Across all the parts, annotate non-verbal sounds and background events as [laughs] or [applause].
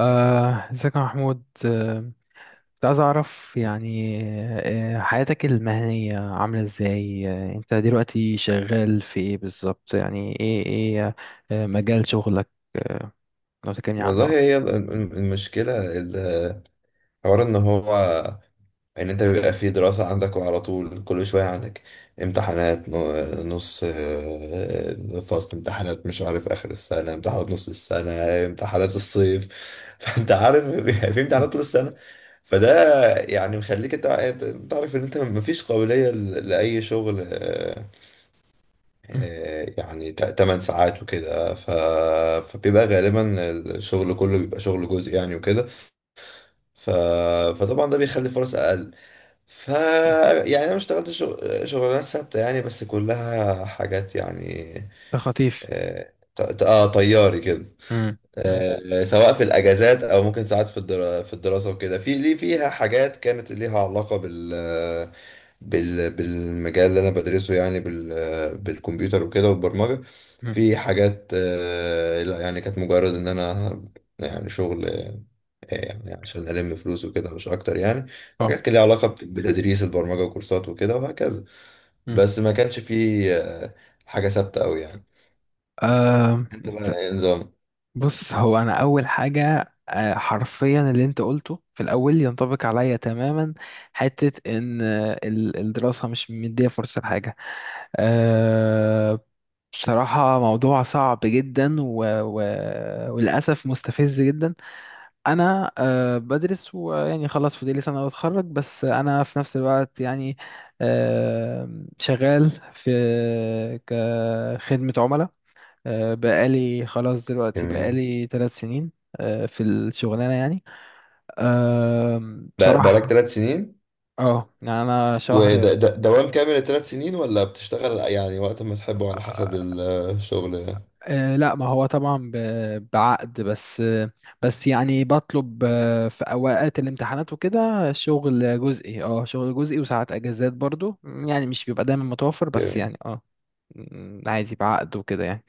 ازيك يا محمود، كنت عايز اعرف يعني حياتك المهنية عاملة ازاي؟ انت دلوقتي شغال في ايه بالظبط؟ يعني ايه مجال شغلك. آه، لو تكلمني عنه والله اكتر. هي المشكلة حوار ان هو ان انت بيبقى في دراسة عندك، وعلى طول كل شوية عندك امتحانات نص فصل، امتحانات مش عارف، اخر السنة امتحانات نص السنة امتحانات الصيف. [laughs] فانت عارف بيبقى في مم. امتحانات طول السنة. فده يعني مخليك أنت عارف ان انت مفيش قابلية لأي شغل مم. يعني 8 ساعات وكده. فبيبقى غالبا الشغل كله بيبقى شغل جزئي يعني وكده ف... فطبعا ده بيخلي فرص اقل ف مم. يعني انا ما اشتغلتش شغلانات ثابته يعني، بس كلها حاجات يعني ده خطيف. اه طياري كده، مم. مم. سواء في الاجازات او ممكن ساعات في في الدراسه وكده، في ليه فيها حاجات كانت ليها علاقه بالمجال اللي انا بدرسه يعني، بالكمبيوتر وكده والبرمجه. مم. في حاجات، لا يعني، كانت مجرد ان انا يعني شغل يعني عشان الم فلوس وكده، مش اكتر يعني. في اه. حاجات كان ليها علاقه بتدريس البرمجه وكورسات وكده وهكذا، مم. بس ما كانش فيه حاجه ثابته قوي يعني. آه، انت بقى انت- إيه نظام؟ بص، هو انا اول حاجة حرفيا اللي انت قلته في الاول ينطبق عليا تماما. حتة ان الدراسة مش مدية فرصة لحاجة. أه، بصراحة موضوع صعب جدا، و... و... وللأسف مستفز جدا. أنا بدرس، ويعني خلاص فاضلي سنة وأتخرج، بس أنا في نفس الوقت يعني أه شغال في، كخدمة عملاء. بقالي خلاص دلوقتي، جميل. بقالي ثلاث سنين. في الشغلانة يعني. أه بقالك بصراحة، 3 سنين؟ اه يعني أنا شهر. وده ده دوام كامل الثلاث سنين ولا بتشتغل يعني وقت ما تحبه على حسب الشغل؟ لا، ما هو طبعا بعقد بس، بس يعني بطلب في اوقات الامتحانات وكده شغل جزئي، شغل جزئي، وساعات اجازات برضو، يعني مش بيبقى دايما متوفر. بس جميل. يعني عادي بعقد وكده يعني.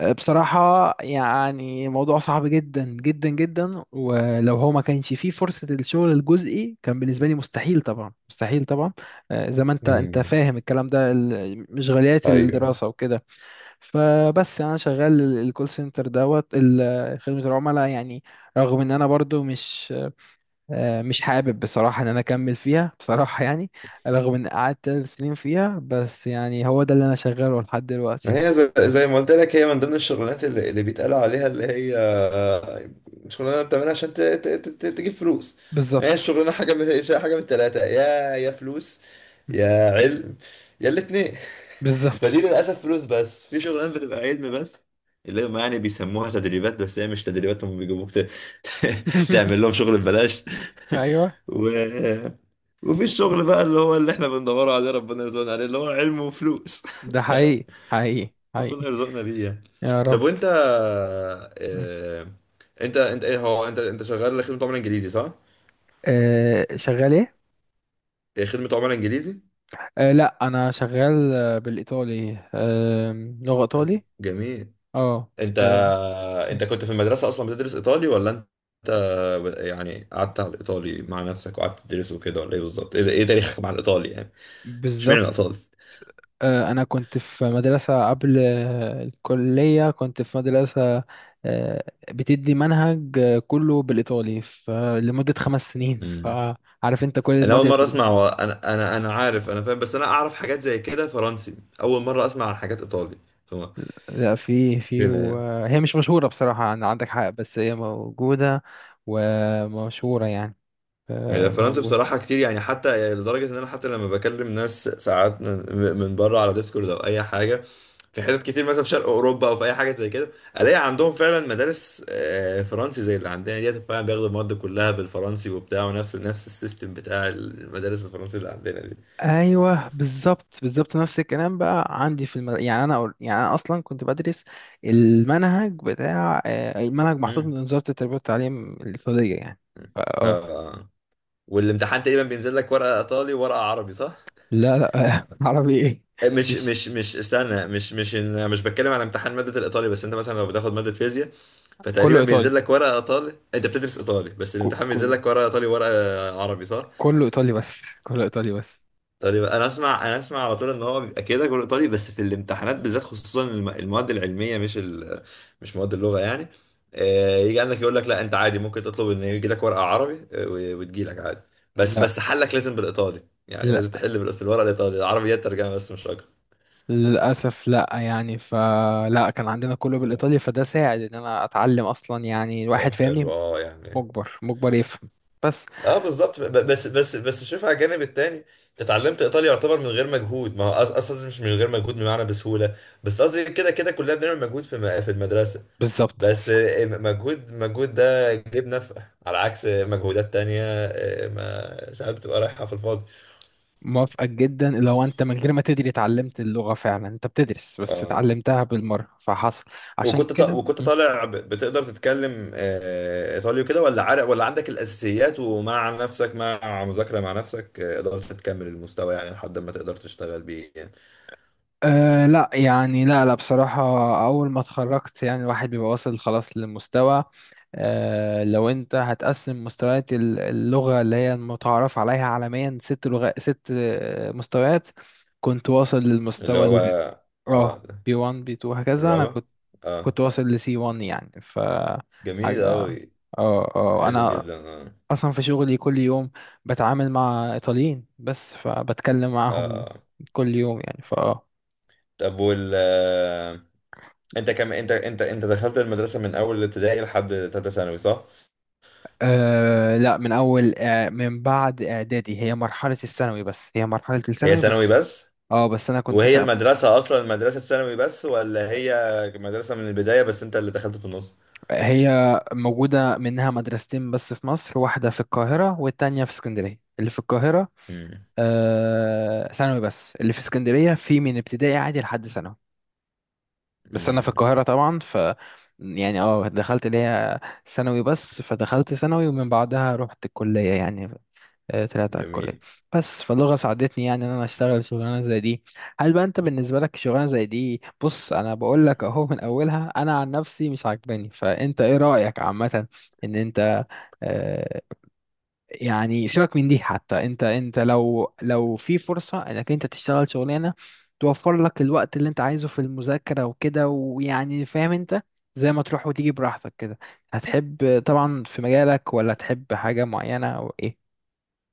بصراحة يعني موضوع صعب جدا جدا جدا، ولو هو ما كانش فيه فرصة الشغل الجزئي كان بالنسبة لي مستحيل طبعا، مستحيل طبعا. زي ما انت امم. فاهم الكلام ده، مشغوليات ايوه، الدراسة وكده. فبس يعني انا شغال الكول سنتر دوت خدمة العملاء يعني. رغم ان انا برضو مش حابب بصراحة ان انا اكمل فيها. [laughs] بصراحة يعني، رغم ان قعدت ثلاث سنين فيها، بس يعني هو ده اللي انا شغاله لحد دلوقتي. ما هي زي ما قلت لك، هي من ضمن الشغلانات اللي بيتقال عليها اللي هي شغلانه بتعملها عشان تجيب فلوس. هي بالظبط، الشغلانه حاجه من التلاته، يا فلوس يا علم يا الاتنين. [laughs] بالظبط. فدي للاسف فلوس بس، في شغلانه بتبقى علم بس، اللي هم يعني بيسموها تدريبات، بس هي مش تدريبات، هم بيجيبوك [laughs] تعمل [laughs] لهم شغل ببلاش. ايوه. [laughs] و... وفي الشغل بقى اللي هو اللي احنا بندور عليه ربنا يرزقنا عليه، اللي هو علم وفلوس. ده حقيقي [laughs] حقيقي ربنا حقيقي. يرزقنا بيه يعني. يا طب رب. وانت آه... انت انت ايه هو انت انت شغال خدمة عملاء انجليزي، صح؟ شغال ايه؟ ايه، خدمة عملاء انجليزي؟ لا، انا شغال بالايطالي، لغة ايطالي. جميل. اه. انت آه، انت كنت في المدرسة اصلا بتدرس ايطالي، ولا انت يعني قعدت على الايطالي مع نفسك وقعدت تدرسه كده، ولا ايه بالظبط؟ ايه تاريخك مع الايطالي يعني؟ اشمعنى بالظبط. الايطالي؟ أنا كنت في مدرسة قبل الكلية، كنت في مدرسة آه، بتدي منهج كله بالإيطالي، لمدة خمس سنين، امم فعارف أنت كل انا المواد اول اللي مره اسمع بتدرس. و... انا عارف، انا فاهم، بس انا اعرف حاجات زي كده فرنسي، اول مره اسمع عن حاجات ايطالي. لا، في، فاهم. وهي مش مشهورة بصراحة، عندك حق بس هي موجودة ومشهورة يعني. هي فرنسا موجودة. بصراحة كتير يعني، حتى يعني لدرجة إن أنا حتى لما بكلم ناس ساعات من بره على ديسكورد أو أي حاجة، في حتت كتير مثلا في شرق أوروبا أو في أي حاجة زي كده، ألاقي عندهم فعلا مدارس فرنسي زي اللي عندنا ديت، فعلا بياخدوا المواد كلها بالفرنسي وبتاع، ونفس نفس السيستم بتاع المدارس الفرنسي اللي عندنا دي. ايوه، بالظبط، بالظبط. نفس الكلام بقى عندي يعني يعني انا اصلا كنت بدرس المنهج بتاع آه، المنهج محطوط مم. من وزاره التربيه والتعليم السعوديه يعني. فا اه آه. والامتحان تقريبا بينزل لك ورقة إيطالي وورقة عربي، صح؟ لا، لا، [laughs] عربي ايه؟ مش مفيش. مش مش استنى، مش مش مش بتكلم على امتحان مادة الإيطالي، بس أنت مثلا لو بتاخد مادة فيزياء، كله فتقريبا ايطالي، بينزل لك ورقه ايطالي، انت بتدرس ايطالي بس ك- الامتحان بينزل كله لك ورقه ايطالي ورقه عربي، صح؟ كله ايطالي بس، [laughs] كله ايطالي بس. تقريبا انا اسمع، انا اسمع على طول، ان هو بيبقى كده كله ايطالي، بس في الامتحانات بالذات، خصوصا المواد العلميه، مش، مش مواد اللغه يعني. يجي عندك يقول لك لا، انت عادي ممكن تطلب ان يجي لك ورقه عربي، وتجي لك عادي، بس لا، بس حلك لازم بالايطالي، يعني لا، لازم تحل في الورقه الايطالي، العربي هي الترجمه بس مش اكتر. للاسف لا، يعني فلا كان عندنا كله بالايطالي، فده ساعد ان انا اتعلم اصلا، يعني طب الواحد فاهمني. حلو، اه يعني. مجبر مجبر يفهم. بس. اه بالظبط. بس شوف على الجانب التاني، انت اتعلمت ايطالي يعتبر من غير مجهود. ما هو اصلا مش من غير مجهود، بمعنى بسهوله. بس قصدي كده كده كلنا بنعمل مجهود في المدرسه، بالظبط. بس مجهود مجهود ده جيب نفع، على عكس مجهودات تانية ما ساعات بتبقى رايحه في الفاضي. موافقك جدا، لو انت من غير ما تدري اتعلمت اللغة، فعلا انت بتدرس بس اه، اتعلمتها بالمرة فحصل. عشان كده. وكنت مم. طالع بتقدر تتكلم ايطالي وكده، ولا عارف، ولا عندك الاساسيات ومع نفسك مع مذاكره مع نفسك قدرت تكمل المستوى يعني لحد ما تقدر تشتغل بيه؟ أه، لا يعني، لا لا، بصراحة، أول ما اتخرجت يعني الواحد بيبقى واصل خلاص للمستوى. أه، لو أنت هتقسم مستويات اللغة، اللي هي المتعارف عليها عالميا، ست لغات، ست مستويات. كنت واصل اللي للمستوى هو اه. بي 1، بي 2، هكذا. أنا الرابع. كنت اه. كنت واصل لسي 1 يعني، ف جميل حاجة. أوي. اه حلو أنا جدا. اه اصلا في شغلي كل يوم بتعامل مع ايطاليين، بس فبتكلم معاهم اه. كل يوم يعني. ف أه طب وال آه، انت كم انت دخلت المدرسة من أول ابتدائي لحد تالتة ثانوي، صح؟ لا، من اول من بعد اعدادي، هي مرحله الثانوي بس هي مرحله هي الثانوي ثانوي بس بس؟ اه، بس انا كنت وهي المدرسة أصلا مدرسة ثانوي بس، ولا هي مدرسة من البداية بس أنت اللي دخلت في النص؟ هي موجوده منها مدرستين بس في مصر، واحده في القاهره والتانية في اسكندريه. اللي في القاهره امم. ثانوي بس، اللي في اسكندريه في من ابتدائي عادي لحد ثانوي. بس انا في امم. القاهره طبعا، ف يعني دخلت ليا ثانوي بس، فدخلت ثانوي ومن بعدها رحت الكليه يعني. طلعت على الكليه جميل. بس، فاللغه ساعدتني يعني ان انا اشتغل شغلانه زي دي. هل بقى انت بالنسبه لك شغلانه زي دي؟ بص، انا بقول لك اهو من اولها انا عن نفسي مش عاجباني، فانت ايه رايك عامه؟ ان انت آه، يعني سيبك من دي، حتى انت لو في فرصة انك انت تشتغل شغلانة توفر لك الوقت اللي انت عايزه في المذاكرة وكده، ويعني فاهم انت، زي ما تروح وتيجي براحتك كده، هتحب طبعا في مجالك ولا تحب حاجة معينة او ايه؟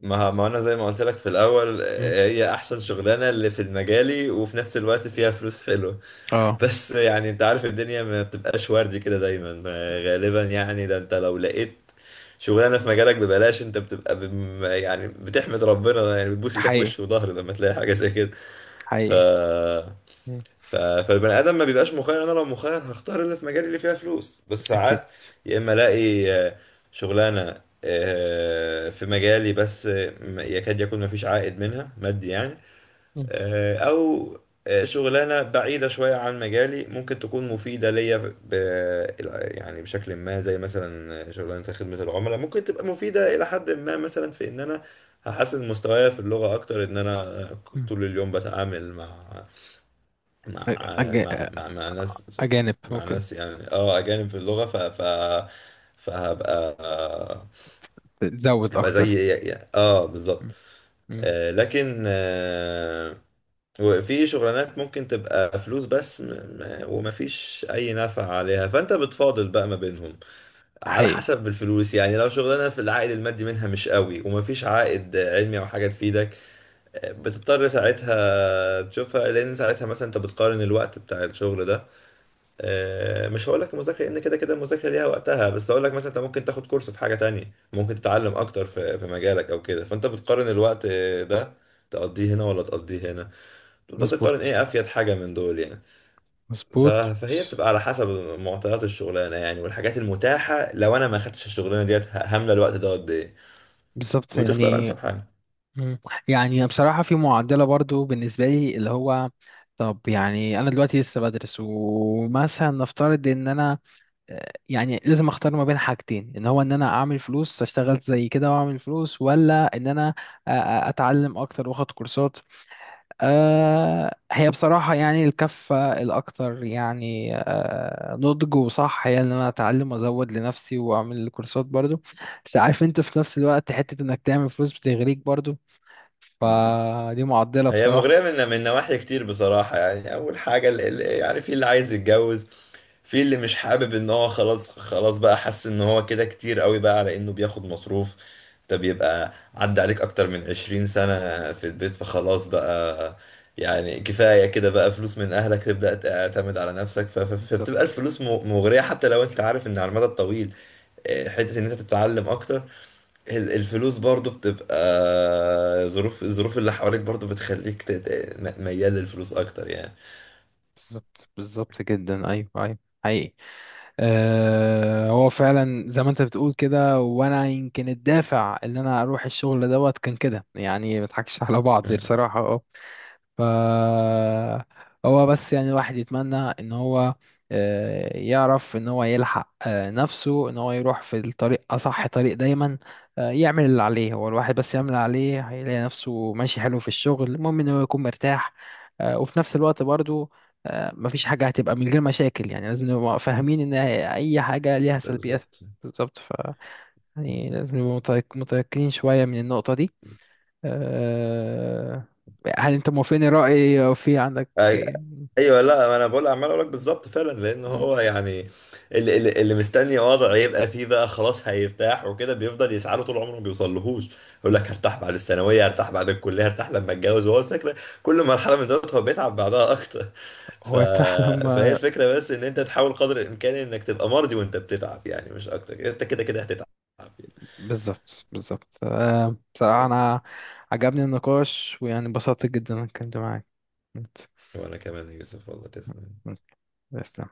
ما انا زي ما قلت لك في الاول، مم. هي احسن شغلانه اللي في مجالي وفي نفس الوقت فيها فلوس حلوه. اه، بس يعني انت عارف الدنيا ما بتبقاش وردي كده دايما، غالبا يعني. ده انت لو لقيت شغلانه في مجالك ببلاش، انت بتبقى بم يعني بتحمد ربنا يعني، بتبوس ايدك حقيقي وش وظهر لما تلاقي حاجه زي كده. ف حقيقي. مم. فالبني ادم ما بيبقاش مخير. انا لو مخير هختار اللي في مجالي اللي فيها فلوس، بس اكيد. ساعات يا اما الاقي شغلانه في مجالي بس يكاد يكون ما فيش عائد منها مادي يعني، مم. او شغلانه بعيده شويه عن مجالي ممكن تكون مفيده ليا، ب- يعني بشكل ما، زي مثلا شغلانه خدمه العملاء ممكن تبقى مفيده الى حد ما، مثلا في ان انا هحسن مستواي في اللغه اكتر، ان انا مم. طول اليوم بتعامل مع أج... مع مع مع ناس اجانب مع ممكن ناس يعني، اه اجانب في اللغه، ف ف فهبقى تزود هبقى اكتر. زي يعني، اه بالظبط. م- م. لكن وفي شغلانات ممكن تبقى فلوس بس، ومفيش اي نفع عليها، فانت بتفاضل بقى ما بينهم على حقيقي. حسب الفلوس يعني. لو شغلانه في العائد المادي منها مش قوي، ومفيش عائد علمي او حاجه تفيدك، بتضطر ساعتها تشوفها، لان ساعتها مثلا انت بتقارن الوقت بتاع الشغل ده، مش هقول لك مذاكره لان كده كده المذاكره ليها وقتها، بس هقول لك مثلا انت ممكن تاخد كورس في حاجه تانية، ممكن تتعلم اكتر في مجالك او كده، فانت بتقارن الوقت ده تقضيه هنا ولا تقضيه هنا، تبدا تقارن مظبوط، ايه افيد حاجه من دول يعني. ف- مظبوط. فهي بتبقى على حسب معطيات الشغلانه يعني، والحاجات المتاحه لو انا ما خدتش الشغلانه ديت هامله الوقت ده قد ايه، بالظبط وتختار يعني. انسب حاجه. مم. يعني بصراحة في معدلة برضو بالنسبة لي، اللي هو، طب يعني أنا دلوقتي لسه بدرس، ومثلا نفترض إن أنا يعني لازم أختار ما بين حاجتين، إن هو إن أنا أعمل فلوس أشتغل زي كده وأعمل فلوس، ولا إن أنا أتعلم أكتر وأخد كورسات. هي بصراحة يعني الكفة الأكتر يعني نضج وصح، هي إن أنا أتعلم وأزود لنفسي وأعمل كورسات برضو. بس عارف انت، في نفس الوقت حتة انك تعمل فلوس بتغريك برضو، فدي معضلة هي بصراحة. مغرية من نواحي كتير بصراحة يعني. مم. أول حاجة يعني في اللي عايز يتجوز، في اللي مش حابب إن هو خلاص خلاص بقى، حس إن هو كده كتير قوي بقى على إنه بياخد مصروف. ده بيبقى عدى عليك أكتر من 20 سنة في البيت، فخلاص بقى يعني، كفاية كده بقى فلوس من أهلك، تبدأ تعتمد على نفسك. فبتبقى بالظبط، الفلوس مغرية، حتى لو أنت عارف إن على المدى الطويل، حتة إن أنت تتعلم أكتر، الفلوس برضو بتبقى، الظروف اللي حواليك برضو بتخليك ميال للفلوس اكتر يعني. بالظبط، بالظبط جدا. أيوه، أيوه. حقيقي. أه، هو فعلا زي ما أنت بتقول كده، وأنا يمكن الدافع إن أنا أروح الشغل دوت كان كده، يعني ما نضحكش على بعض مم. بصراحة. ف، هو بس يعني الواحد يتمنى ان هو يعرف ان هو يلحق نفسه، ان هو يروح في الطريق اصح طريق دايما، يعمل اللي عليه. هو الواحد بس يعمل اللي عليه هيلاقي نفسه ماشي حلو في الشغل، المهم ان هو يكون مرتاح. وفي نفس الوقت برضو مفيش حاجة هتبقى من غير مشاكل، يعني لازم نبقى فاهمين ان اي حاجة ليها سلبيات. بالظبط. بالظبط. ف، يعني لازم نبقى متيقنين شوية من النقطة دي. آه، هل انت موافقني رأيي او في عندك؟ أي- ايوه، لا، ما انا بقول عمال اقول لك بالظبط، فعلا لان مم. هو يعني اللي مستني وضع يبقى فيه بقى خلاص هيرتاح وكده، بيفضل يسعى له طول عمره ما بيوصلهوش. يقول لك بالظبط. هرتاح بعد الثانويه، هرتاح بعد الكليه، هرتاح لما اتجوز، وهو الفكره كل مرحله من دول هو بيتعب بعدها اكتر ف... هو يرتاح فهي لما. الفكره بس ان انت مم. تحاول قدر الامكان انك تبقى مرضي وانت بتتعب يعني، مش اكتر، انت كده كده هتتعب يعني. بالظبط، بالظبط. بصراحة انا عجبني النقاش، ويعني انبسطت جدا إني اتكلمت معاك. انت، وانا كمان يا يوسف، والله تسلم. تسلم.